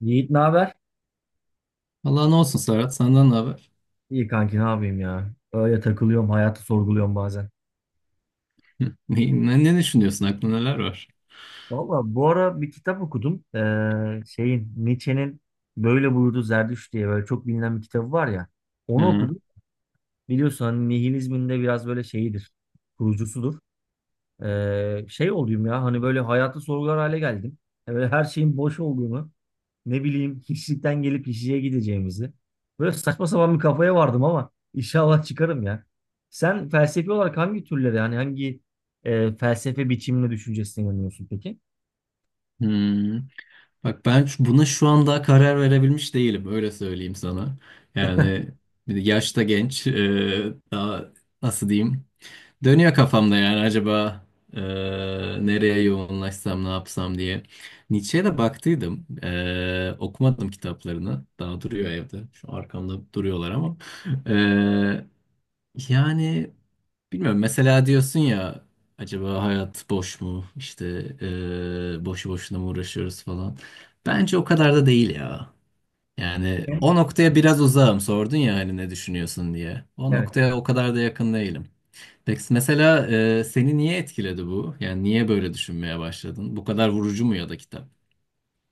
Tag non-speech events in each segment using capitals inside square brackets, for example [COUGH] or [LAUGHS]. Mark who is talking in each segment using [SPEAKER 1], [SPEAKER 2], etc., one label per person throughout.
[SPEAKER 1] Yiğit ne haber?
[SPEAKER 2] Allah ne olsun Serhat, senden ne haber?
[SPEAKER 1] İyi kanki ne yapayım ya? Öyle takılıyorum, hayatı sorguluyorum bazen.
[SPEAKER 2] Hı. Ne düşünüyorsun? Aklında neler var?
[SPEAKER 1] Valla bu ara bir kitap okudum. Şeyin Nietzsche'nin Böyle Buyurdu Zerdüşt diye böyle çok bilinen bir kitabı var ya. Onu
[SPEAKER 2] Ha,
[SPEAKER 1] okudum. Biliyorsun hani nihilizmin de biraz böyle şeyidir. Kurucusudur. Şey olayım ya, hani böyle hayatı sorgular hale geldim. Yani böyle her şeyin boş olduğunu, ne bileyim hiçlikten gelip hiçliğe gideceğimizi. Böyle saçma sapan bir kafaya vardım ama inşallah çıkarım ya. Sen felsefi olarak hangi türlere, yani hangi felsefe biçimine, düşüncesine inanıyorsun peki?
[SPEAKER 2] hmm. Bak ben buna şu an daha karar verebilmiş değilim. Öyle söyleyeyim sana. Yani bir de yaşta genç. Daha nasıl diyeyim? Dönüyor kafamda yani, acaba e, nereye yoğunlaşsam, ne yapsam diye. Nietzsche'ye de baktıydım. Okumadım kitaplarını. Daha duruyor evde. Şu arkamda duruyorlar ama. E, Yani... Bilmiyorum, mesela diyorsun ya, acaba hayat boş mu? İşte boşu boşuna mı uğraşıyoruz falan. Bence o kadar da değil ya. Yani
[SPEAKER 1] Hı?
[SPEAKER 2] o noktaya biraz uzağım, sordun ya hani ne düşünüyorsun diye. O
[SPEAKER 1] Evet.
[SPEAKER 2] noktaya o kadar da yakın değilim. Peki mesela seni niye etkiledi bu? Yani niye böyle düşünmeye başladın? Bu kadar vurucu mu ya da kitap?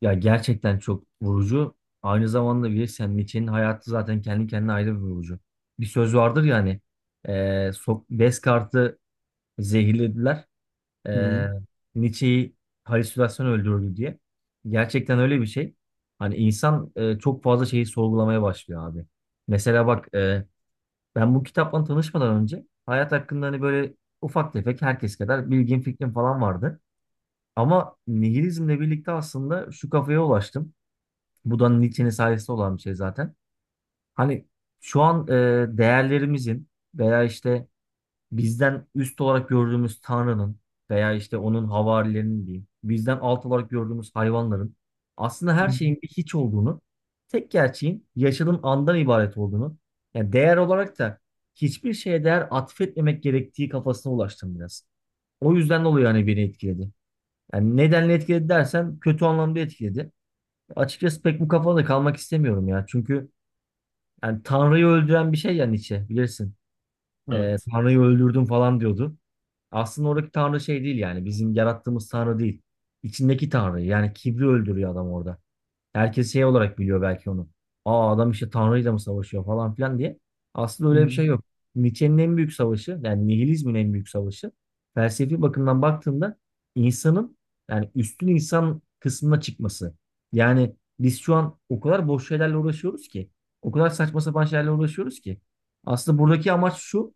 [SPEAKER 1] Ya gerçekten çok vurucu. Aynı zamanda bilirsen Nietzsche'nin hayatı zaten kendi kendine ayrı bir vurucu. Bir söz vardır yani. E, Descartes'i zehirlediler.
[SPEAKER 2] Hı hı.
[SPEAKER 1] e, Nietzsche'yi halüsinasyon öldürdü diye. Gerçekten öyle bir şey. Hani insan çok fazla şeyi sorgulamaya başlıyor abi. Mesela bak, ben bu kitapla tanışmadan önce hayat hakkında hani böyle ufak tefek herkes kadar bilgim, fikrim falan vardı. Ama nihilizmle birlikte aslında şu kafaya ulaştım. Bu da Nietzsche'nin sayesinde olan bir şey zaten. Hani şu an değerlerimizin veya işte bizden üst olarak gördüğümüz Tanrı'nın veya işte onun havarilerinin diyeyim, bizden alt olarak gördüğümüz hayvanların, aslında
[SPEAKER 2] Hı.
[SPEAKER 1] her şeyin bir hiç olduğunu, tek gerçeğin yaşadığın andan ibaret olduğunu, yani değer olarak da hiçbir şeye değer atfetmemek gerektiği kafasına ulaştım biraz. O yüzden dolayı hani beni etkiledi. Yani nedenle etkiledi dersen kötü anlamda etkiledi. Açıkçası pek bu kafada kalmak istemiyorum ya. Çünkü yani Tanrı'yı öldüren bir şey ya Nietzsche, bilirsin.
[SPEAKER 2] Evet.
[SPEAKER 1] Tanrı'yı öldürdüm falan diyordu. Aslında oradaki tanrı şey değil, yani bizim yarattığımız tanrı değil. İçindeki tanrı, yani kibri öldürüyor adam orada. Herkes şey olarak biliyor belki onu. Aa, adam işte Tanrı'yla mı savaşıyor falan filan diye. Aslında
[SPEAKER 2] Hı
[SPEAKER 1] öyle bir
[SPEAKER 2] hı.
[SPEAKER 1] şey yok. Nietzsche'nin en büyük savaşı, yani nihilizmin en büyük savaşı, felsefi bakımdan baktığında insanın, yani üstün insan kısmına çıkması. Yani biz şu an o kadar boş şeylerle uğraşıyoruz ki, o kadar saçma sapan şeylerle uğraşıyoruz ki aslında buradaki amaç şu: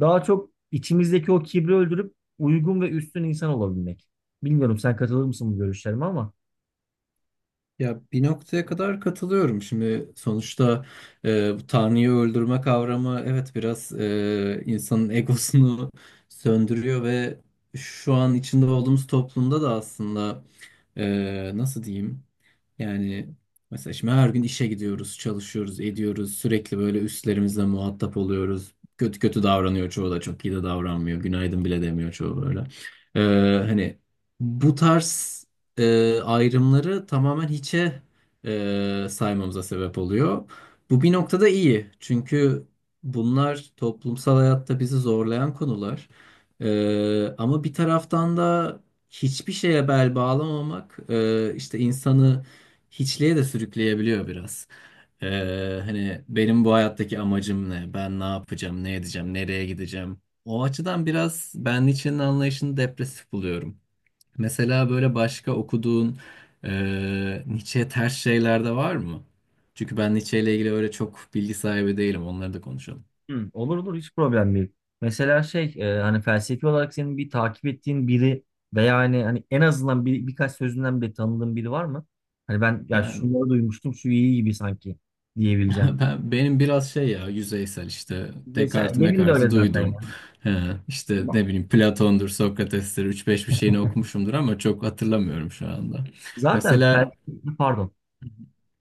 [SPEAKER 1] daha çok içimizdeki o kibri öldürüp uygun ve üstün insan olabilmek. Bilmiyorum sen katılır mısın bu görüşlerime ama.
[SPEAKER 2] Ya, bir noktaya kadar katılıyorum. Şimdi sonuçta bu Tanrı'yı öldürme kavramı evet biraz insanın egosunu söndürüyor ve şu an içinde olduğumuz toplumda da aslında nasıl diyeyim? Yani mesela şimdi her gün işe gidiyoruz, çalışıyoruz, ediyoruz. Sürekli böyle üstlerimizle muhatap oluyoruz. Kötü kötü davranıyor çoğu da, çok iyi de davranmıyor. Günaydın bile demiyor çoğu böyle. Ee, Hani bu tarz ayrımları tamamen hiçe saymamıza sebep oluyor. Bu bir noktada iyi. Çünkü bunlar toplumsal hayatta bizi zorlayan konular. Ama bir taraftan da hiçbir şeye bel bağlamamak işte insanı hiçliğe de sürükleyebiliyor biraz. Hani benim bu hayattaki amacım ne? Ben ne yapacağım? Ne edeceğim? Nereye gideceğim? O açıdan biraz ben Nietzsche'nin anlayışını depresif buluyorum. Mesela böyle başka okuduğun Nietzsche'ye ters şeyler de var mı? Çünkü ben Nietzsche ile ilgili öyle çok bilgi sahibi değilim. Onları da konuşalım.
[SPEAKER 1] Hı, olur olur, hiç problem değil. Mesela şey, hani felsefi olarak senin bir takip ettiğin biri veya hani, en azından birkaç sözünden bile tanıdığın biri var mı? Hani ben ya
[SPEAKER 2] Yani
[SPEAKER 1] şunları duymuştum, şu iyi gibi sanki diyebileceğim.
[SPEAKER 2] [LAUGHS] Benim biraz şey ya, yüzeysel. İşte
[SPEAKER 1] Mesela
[SPEAKER 2] Descartes'i
[SPEAKER 1] benim de öyle
[SPEAKER 2] Mekart'ı
[SPEAKER 1] zaten ya.
[SPEAKER 2] duydum. Ee, işte ne bileyim, Platon'dur, Sokrates'tir üç beş bir şeyini okumuşumdur ama çok hatırlamıyorum şu anda.
[SPEAKER 1] Zaten
[SPEAKER 2] Mesela
[SPEAKER 1] felsefi, pardon.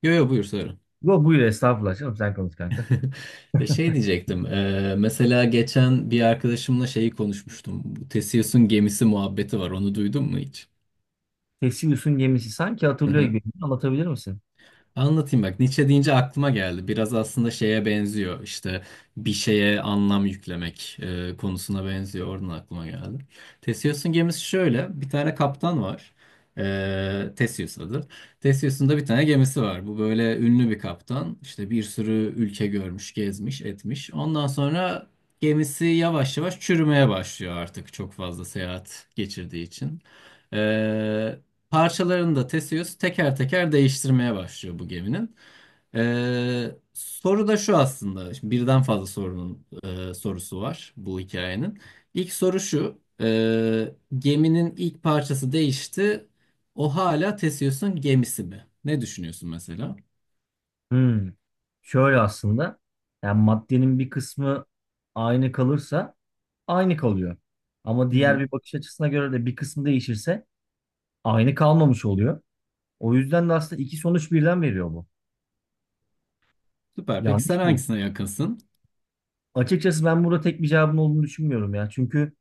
[SPEAKER 2] yo yo, buyur söyle.
[SPEAKER 1] Yo, buyur estağfurullah canım, sen konuş kanka.
[SPEAKER 2] [LAUGHS] Ve şey diyecektim, mesela geçen bir arkadaşımla şeyi konuşmuştum. Bu Theseus'un gemisi muhabbeti var, onu duydun mu hiç?
[SPEAKER 1] Theseus'un gemisi sanki hatırlıyor gibi.
[SPEAKER 2] [LAUGHS]
[SPEAKER 1] Anlatabilir misin?
[SPEAKER 2] Anlatayım, bak Nietzsche deyince aklıma geldi. Biraz aslında şeye benziyor, işte bir şeye anlam yüklemek konusuna benziyor. Oradan aklıma geldi. Theseus'un gemisi şöyle: bir tane kaptan var. Theseus adı. Theseus'un da bir tane gemisi var. Bu böyle ünlü bir kaptan. İşte bir sürü ülke görmüş, gezmiş, etmiş. Ondan sonra gemisi yavaş yavaş çürümeye başlıyor artık, çok fazla seyahat geçirdiği için. E, Parçalarını da Theseus teker teker değiştirmeye başlıyor bu geminin. Soru da şu aslında. Şimdi birden fazla sorunun sorusu var bu hikayenin. İlk soru şu: geminin ilk parçası değişti. O hala Theseus'un gemisi mi? Ne düşünüyorsun mesela?
[SPEAKER 1] Hmm. Şöyle aslında, yani maddenin bir kısmı aynı kalırsa aynı kalıyor. Ama
[SPEAKER 2] Hı
[SPEAKER 1] diğer
[SPEAKER 2] hı.
[SPEAKER 1] bir bakış açısına göre de bir kısmı değişirse aynı kalmamış oluyor. O yüzden de aslında iki sonuç birden veriyor bu.
[SPEAKER 2] Süper. Peki sen
[SPEAKER 1] Yanlış mı?
[SPEAKER 2] hangisine yakınsın?
[SPEAKER 1] Açıkçası ben burada tek bir cevabın olduğunu düşünmüyorum ya. Çünkü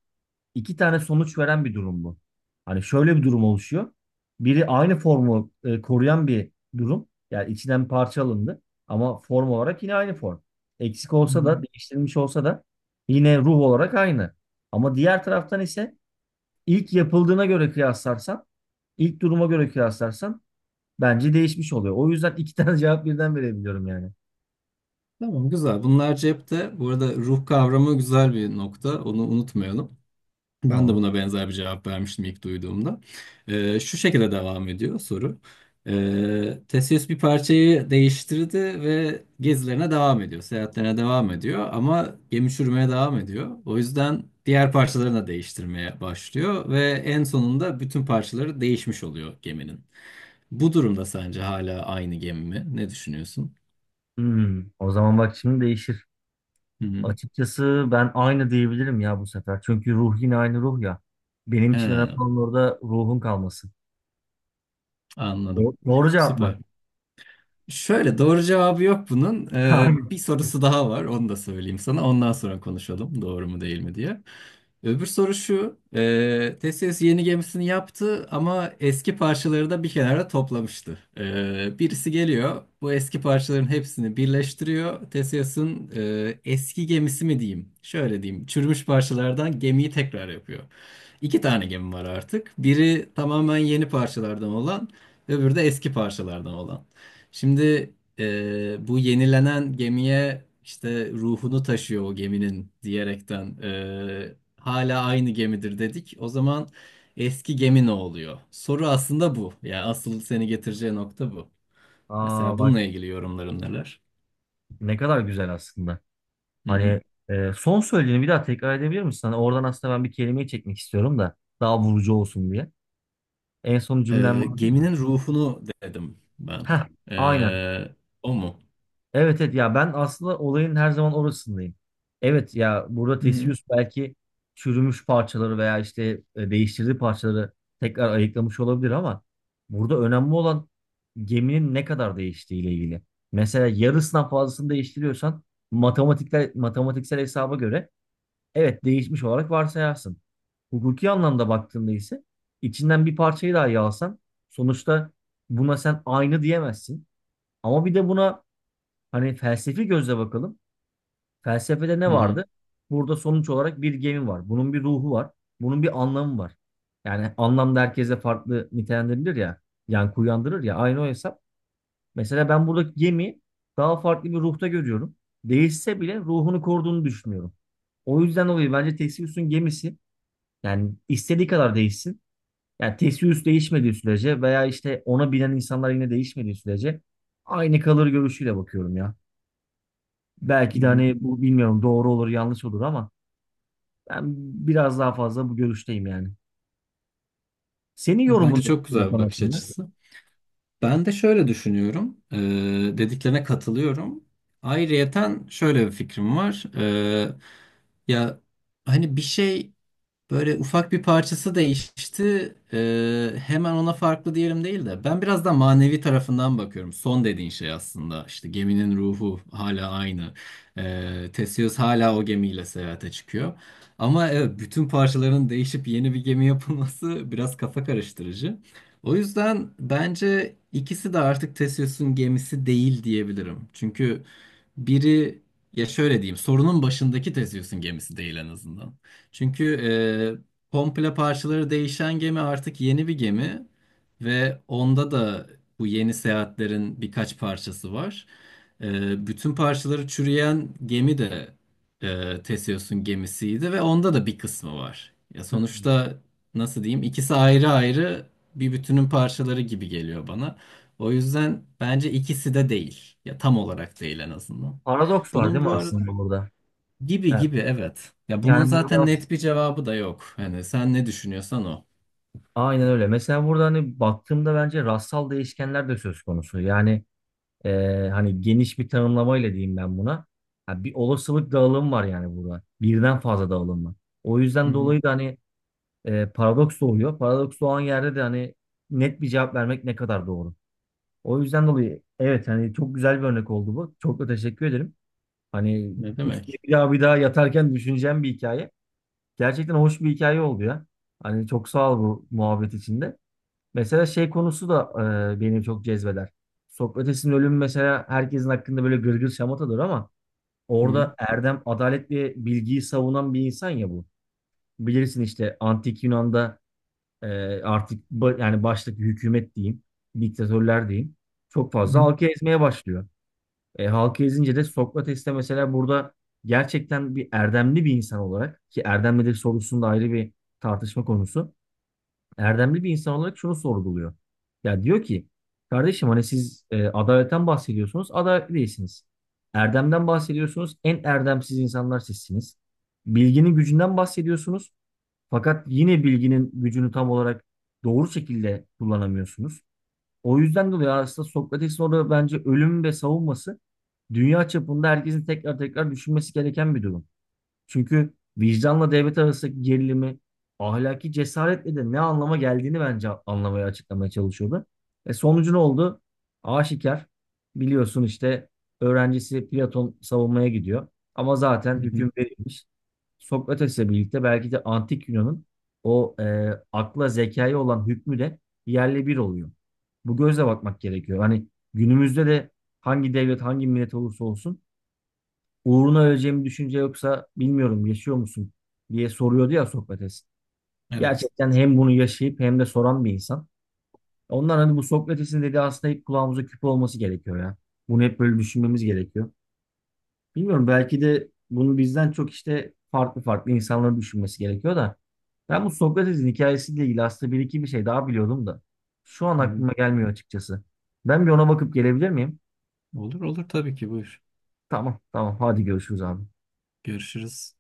[SPEAKER 1] iki tane sonuç veren bir durum bu. Hani şöyle bir durum oluşuyor. Biri aynı formu koruyan bir durum. Yani içinden parça alındı. Ama form olarak yine aynı form. Eksik
[SPEAKER 2] Hı
[SPEAKER 1] olsa
[SPEAKER 2] hı.
[SPEAKER 1] da, değiştirilmiş olsa da yine ruh olarak aynı. Ama diğer taraftan ise ilk yapıldığına göre kıyaslarsan, ilk duruma göre kıyaslarsan bence değişmiş oluyor. O yüzden iki tane [LAUGHS] cevap birden verebiliyorum yani.
[SPEAKER 2] Tamam, güzel. Bunlar cepte. Bu arada ruh kavramı güzel bir nokta, onu unutmayalım. Ben de
[SPEAKER 1] Tamam.
[SPEAKER 2] buna benzer bir cevap vermiştim ilk duyduğumda. Şu şekilde devam ediyor soru. Theseus bir parçayı değiştirdi ve gezilerine devam ediyor, seyahatlerine devam ediyor ama gemi çürümeye devam ediyor. O yüzden diğer parçalarını da değiştirmeye başlıyor ve en sonunda bütün parçaları değişmiş oluyor geminin. Bu durumda sence hala aynı gemi mi? Ne düşünüyorsun?
[SPEAKER 1] Hmm, o zaman bak şimdi değişir.
[SPEAKER 2] Hı hı.
[SPEAKER 1] Açıkçası ben aynı diyebilirim ya bu sefer. Çünkü ruh yine aynı ruh ya. Benim için önemli
[SPEAKER 2] He,
[SPEAKER 1] olan orada ruhun kalması.
[SPEAKER 2] anladım.
[SPEAKER 1] Doğru cevap mı?
[SPEAKER 2] Süper. Şöyle, doğru cevabı yok bunun.
[SPEAKER 1] [LAUGHS] Aynen.
[SPEAKER 2] Bir sorusu daha var, onu da söyleyeyim sana. Ondan sonra konuşalım doğru mu değil mi diye. Öbür soru şu. Theseus yeni gemisini yaptı ama eski parçaları da bir kenara toplamıştı. Birisi geliyor. Bu eski parçaların hepsini birleştiriyor. Theseus'un eski gemisi mi diyeyim? Şöyle diyeyim: çürümüş parçalardan gemiyi tekrar yapıyor. İki tane gemi var artık. Biri tamamen yeni parçalardan olan, öbürü de eski parçalardan olan. Şimdi bu yenilenen gemiye, işte ruhunu taşıyor o geminin diyerekten hala aynı gemidir dedik. O zaman eski gemi ne oluyor? Soru aslında bu. Yani asıl seni getireceği nokta bu.
[SPEAKER 1] Aa
[SPEAKER 2] Mesela
[SPEAKER 1] bak,
[SPEAKER 2] bununla ilgili yorumların neler?
[SPEAKER 1] ne kadar güzel aslında.
[SPEAKER 2] Hı hı.
[SPEAKER 1] Hani son söylediğini bir daha tekrar edebilir misin? Hani oradan aslında ben bir kelimeyi çekmek istiyorum da daha vurucu olsun diye. En son cümlem vardı ya.
[SPEAKER 2] Geminin ruhunu dedim ben.
[SPEAKER 1] Heh, aynen.
[SPEAKER 2] E, O mu?
[SPEAKER 1] Evet evet ya, ben aslında olayın her zaman orasındayım. Evet ya, burada
[SPEAKER 2] Hı hı.
[SPEAKER 1] Theseus belki çürümüş parçaları veya işte değiştirdiği parçaları tekrar ayıklamış olabilir ama burada önemli olan geminin ne kadar değiştiğiyle ilgili. Mesela yarısından fazlasını değiştiriyorsan matematiksel hesaba göre evet değişmiş olarak varsayarsın. Hukuki anlamda baktığında ise içinden bir parçayı daha yalsan sonuçta buna sen aynı diyemezsin. Ama bir de buna hani felsefi gözle bakalım. Felsefede ne
[SPEAKER 2] Hı hı.
[SPEAKER 1] vardı? Burada sonuç olarak bir gemi var. Bunun bir ruhu var. Bunun bir anlamı var. Yani anlam da herkese farklı nitelendirilir ya. Yankı uyandırır ya. Aynı o hesap. Mesela ben buradaki gemiyi daha farklı bir ruhta görüyorum. Değişse bile ruhunu koruduğunu düşünüyorum. O yüzden dolayı bence Theseus'un gemisi, yani istediği kadar değişsin. Yani Theseus değişmediği sürece veya işte ona binen insanlar yine değişmediği sürece aynı kalır görüşüyle bakıyorum ya.
[SPEAKER 2] Hı
[SPEAKER 1] Belki de
[SPEAKER 2] hı.
[SPEAKER 1] hani bu, bilmiyorum, doğru olur yanlış olur ama ben biraz daha fazla bu görüşteyim yani. Senin yorumun
[SPEAKER 2] Bence
[SPEAKER 1] ne
[SPEAKER 2] çok
[SPEAKER 1] bu
[SPEAKER 2] güzel bir
[SPEAKER 1] konu
[SPEAKER 2] bakış
[SPEAKER 1] hakkında?
[SPEAKER 2] açısı. Ben de şöyle düşünüyorum. Dediklerine katılıyorum. Ayrıyeten şöyle bir fikrim var. Ya, hani bir şey, böyle ufak bir parçası değişti. Hemen ona farklı diyelim değil de, ben biraz da manevi tarafından bakıyorum. Son dediğin şey aslında: İşte geminin ruhu hala aynı. Theseus hala o gemiyle seyahate çıkıyor. Ama evet, bütün parçaların değişip yeni bir gemi yapılması [LAUGHS] biraz kafa karıştırıcı. O yüzden bence ikisi de artık Theseus'un gemisi değil diyebilirim. Çünkü biri, ya şöyle diyeyim, sorunun başındaki Theseus'un gemisi değil en azından. Çünkü komple parçaları değişen gemi artık yeni bir gemi ve onda da bu yeni seyahatlerin birkaç parçası var. Bütün parçaları çürüyen gemi de Theseus'un gemisiydi ve onda da bir kısmı var. Ya
[SPEAKER 1] Hmm.
[SPEAKER 2] sonuçta nasıl diyeyim, ikisi ayrı ayrı bir bütünün parçaları gibi geliyor bana. O yüzden bence ikisi de değil. Ya, tam olarak değil en azından.
[SPEAKER 1] Paradoks var
[SPEAKER 2] Bunun
[SPEAKER 1] değil mi
[SPEAKER 2] bu arada
[SPEAKER 1] aslında burada?
[SPEAKER 2] gibi
[SPEAKER 1] Evet.
[SPEAKER 2] gibi, evet. Ya bunun
[SPEAKER 1] Yani
[SPEAKER 2] zaten
[SPEAKER 1] burada
[SPEAKER 2] net bir cevabı da yok. Hani sen ne düşünüyorsan o.
[SPEAKER 1] aynen öyle. Mesela burada hani baktığımda bence rastsal değişkenler de söz konusu. Yani, hani geniş bir tanımlamayla diyeyim ben buna. Ha, bir olasılık dağılımı var yani burada. Birden fazla dağılım var. O
[SPEAKER 2] Hı
[SPEAKER 1] yüzden
[SPEAKER 2] hı.
[SPEAKER 1] dolayı da hani paradoks doğuyor. Paradoks doğan yerde de hani net bir cevap vermek ne kadar doğru? O yüzden dolayı evet, hani çok güzel bir örnek oldu bu. Çok da teşekkür ederim. Hani
[SPEAKER 2] Ne
[SPEAKER 1] üstüne
[SPEAKER 2] demek?
[SPEAKER 1] bir daha bir daha yatarken düşüneceğim bir hikaye. Gerçekten hoş bir hikaye oldu ya. Hani çok sağ ol bu muhabbet içinde. Mesela şey konusu da beni çok cezbeder. Sokrates'in ölümü mesela, herkesin hakkında böyle gırgır şamatadır ama
[SPEAKER 2] Hı hı.
[SPEAKER 1] orada erdem, adalet ve bilgiyi savunan bir insan ya bu. Bilirsin işte antik Yunan'da, e, artık yani baştaki hükümet diyeyim, diktatörler diyeyim, çok
[SPEAKER 2] Hı
[SPEAKER 1] fazla
[SPEAKER 2] hı.
[SPEAKER 1] halkı ezmeye başlıyor. E, halka ezince de Sokrates'te mesela burada gerçekten bir erdemli bir insan olarak, ki erdem nedir sorusunda ayrı bir tartışma konusu. Erdemli bir insan olarak şunu sorguluyor. Ya diyor ki, kardeşim hani siz adaletten bahsediyorsunuz, adaletli değilsiniz. Erdemden bahsediyorsunuz, en erdemsiz insanlar sizsiniz. Bilginin gücünden bahsediyorsunuz fakat yine bilginin gücünü tam olarak doğru şekilde kullanamıyorsunuz. O yüzden dolayı aslında Sokrates'in orada bence ölüm ve savunması dünya çapında herkesin tekrar tekrar düşünmesi gereken bir durum. Çünkü vicdanla devlet arasındaki gerilimi, ahlaki cesaretle de ne anlama geldiğini bence anlamaya, açıklamaya çalışıyordu. E, sonucu ne oldu? Aşikar, biliyorsun işte öğrencisi Platon savunmaya gidiyor. Ama zaten
[SPEAKER 2] Hı hı.
[SPEAKER 1] hüküm verilmiş. Sokrates'le birlikte belki de antik Yunan'ın o akla, zekaya olan hükmü de yerle bir oluyor. Bu gözle bakmak gerekiyor. Hani günümüzde de hangi devlet hangi millet olursa olsun uğruna öleceğimi düşünce yoksa bilmiyorum yaşıyor musun diye soruyordu ya Sokrates.
[SPEAKER 2] Evet.
[SPEAKER 1] Gerçekten hem bunu yaşayıp hem de soran bir insan. Ondan hani bu Sokrates'in dediği aslında hep kulağımıza küpe olması gerekiyor ya. Bunu hep böyle düşünmemiz gerekiyor. Bilmiyorum, belki de bunu bizden çok işte farklı farklı insanların düşünmesi gerekiyor da. Ben bu Sokrates'in hikayesiyle ilgili aslında bir iki bir şey daha biliyordum da. Şu an
[SPEAKER 2] Hı hı.
[SPEAKER 1] aklıma gelmiyor açıkçası. Ben bir ona bakıp gelebilir miyim?
[SPEAKER 2] Olur olur, tabii ki buyur.
[SPEAKER 1] Tamam tamam, hadi görüşürüz abi.
[SPEAKER 2] Görüşürüz.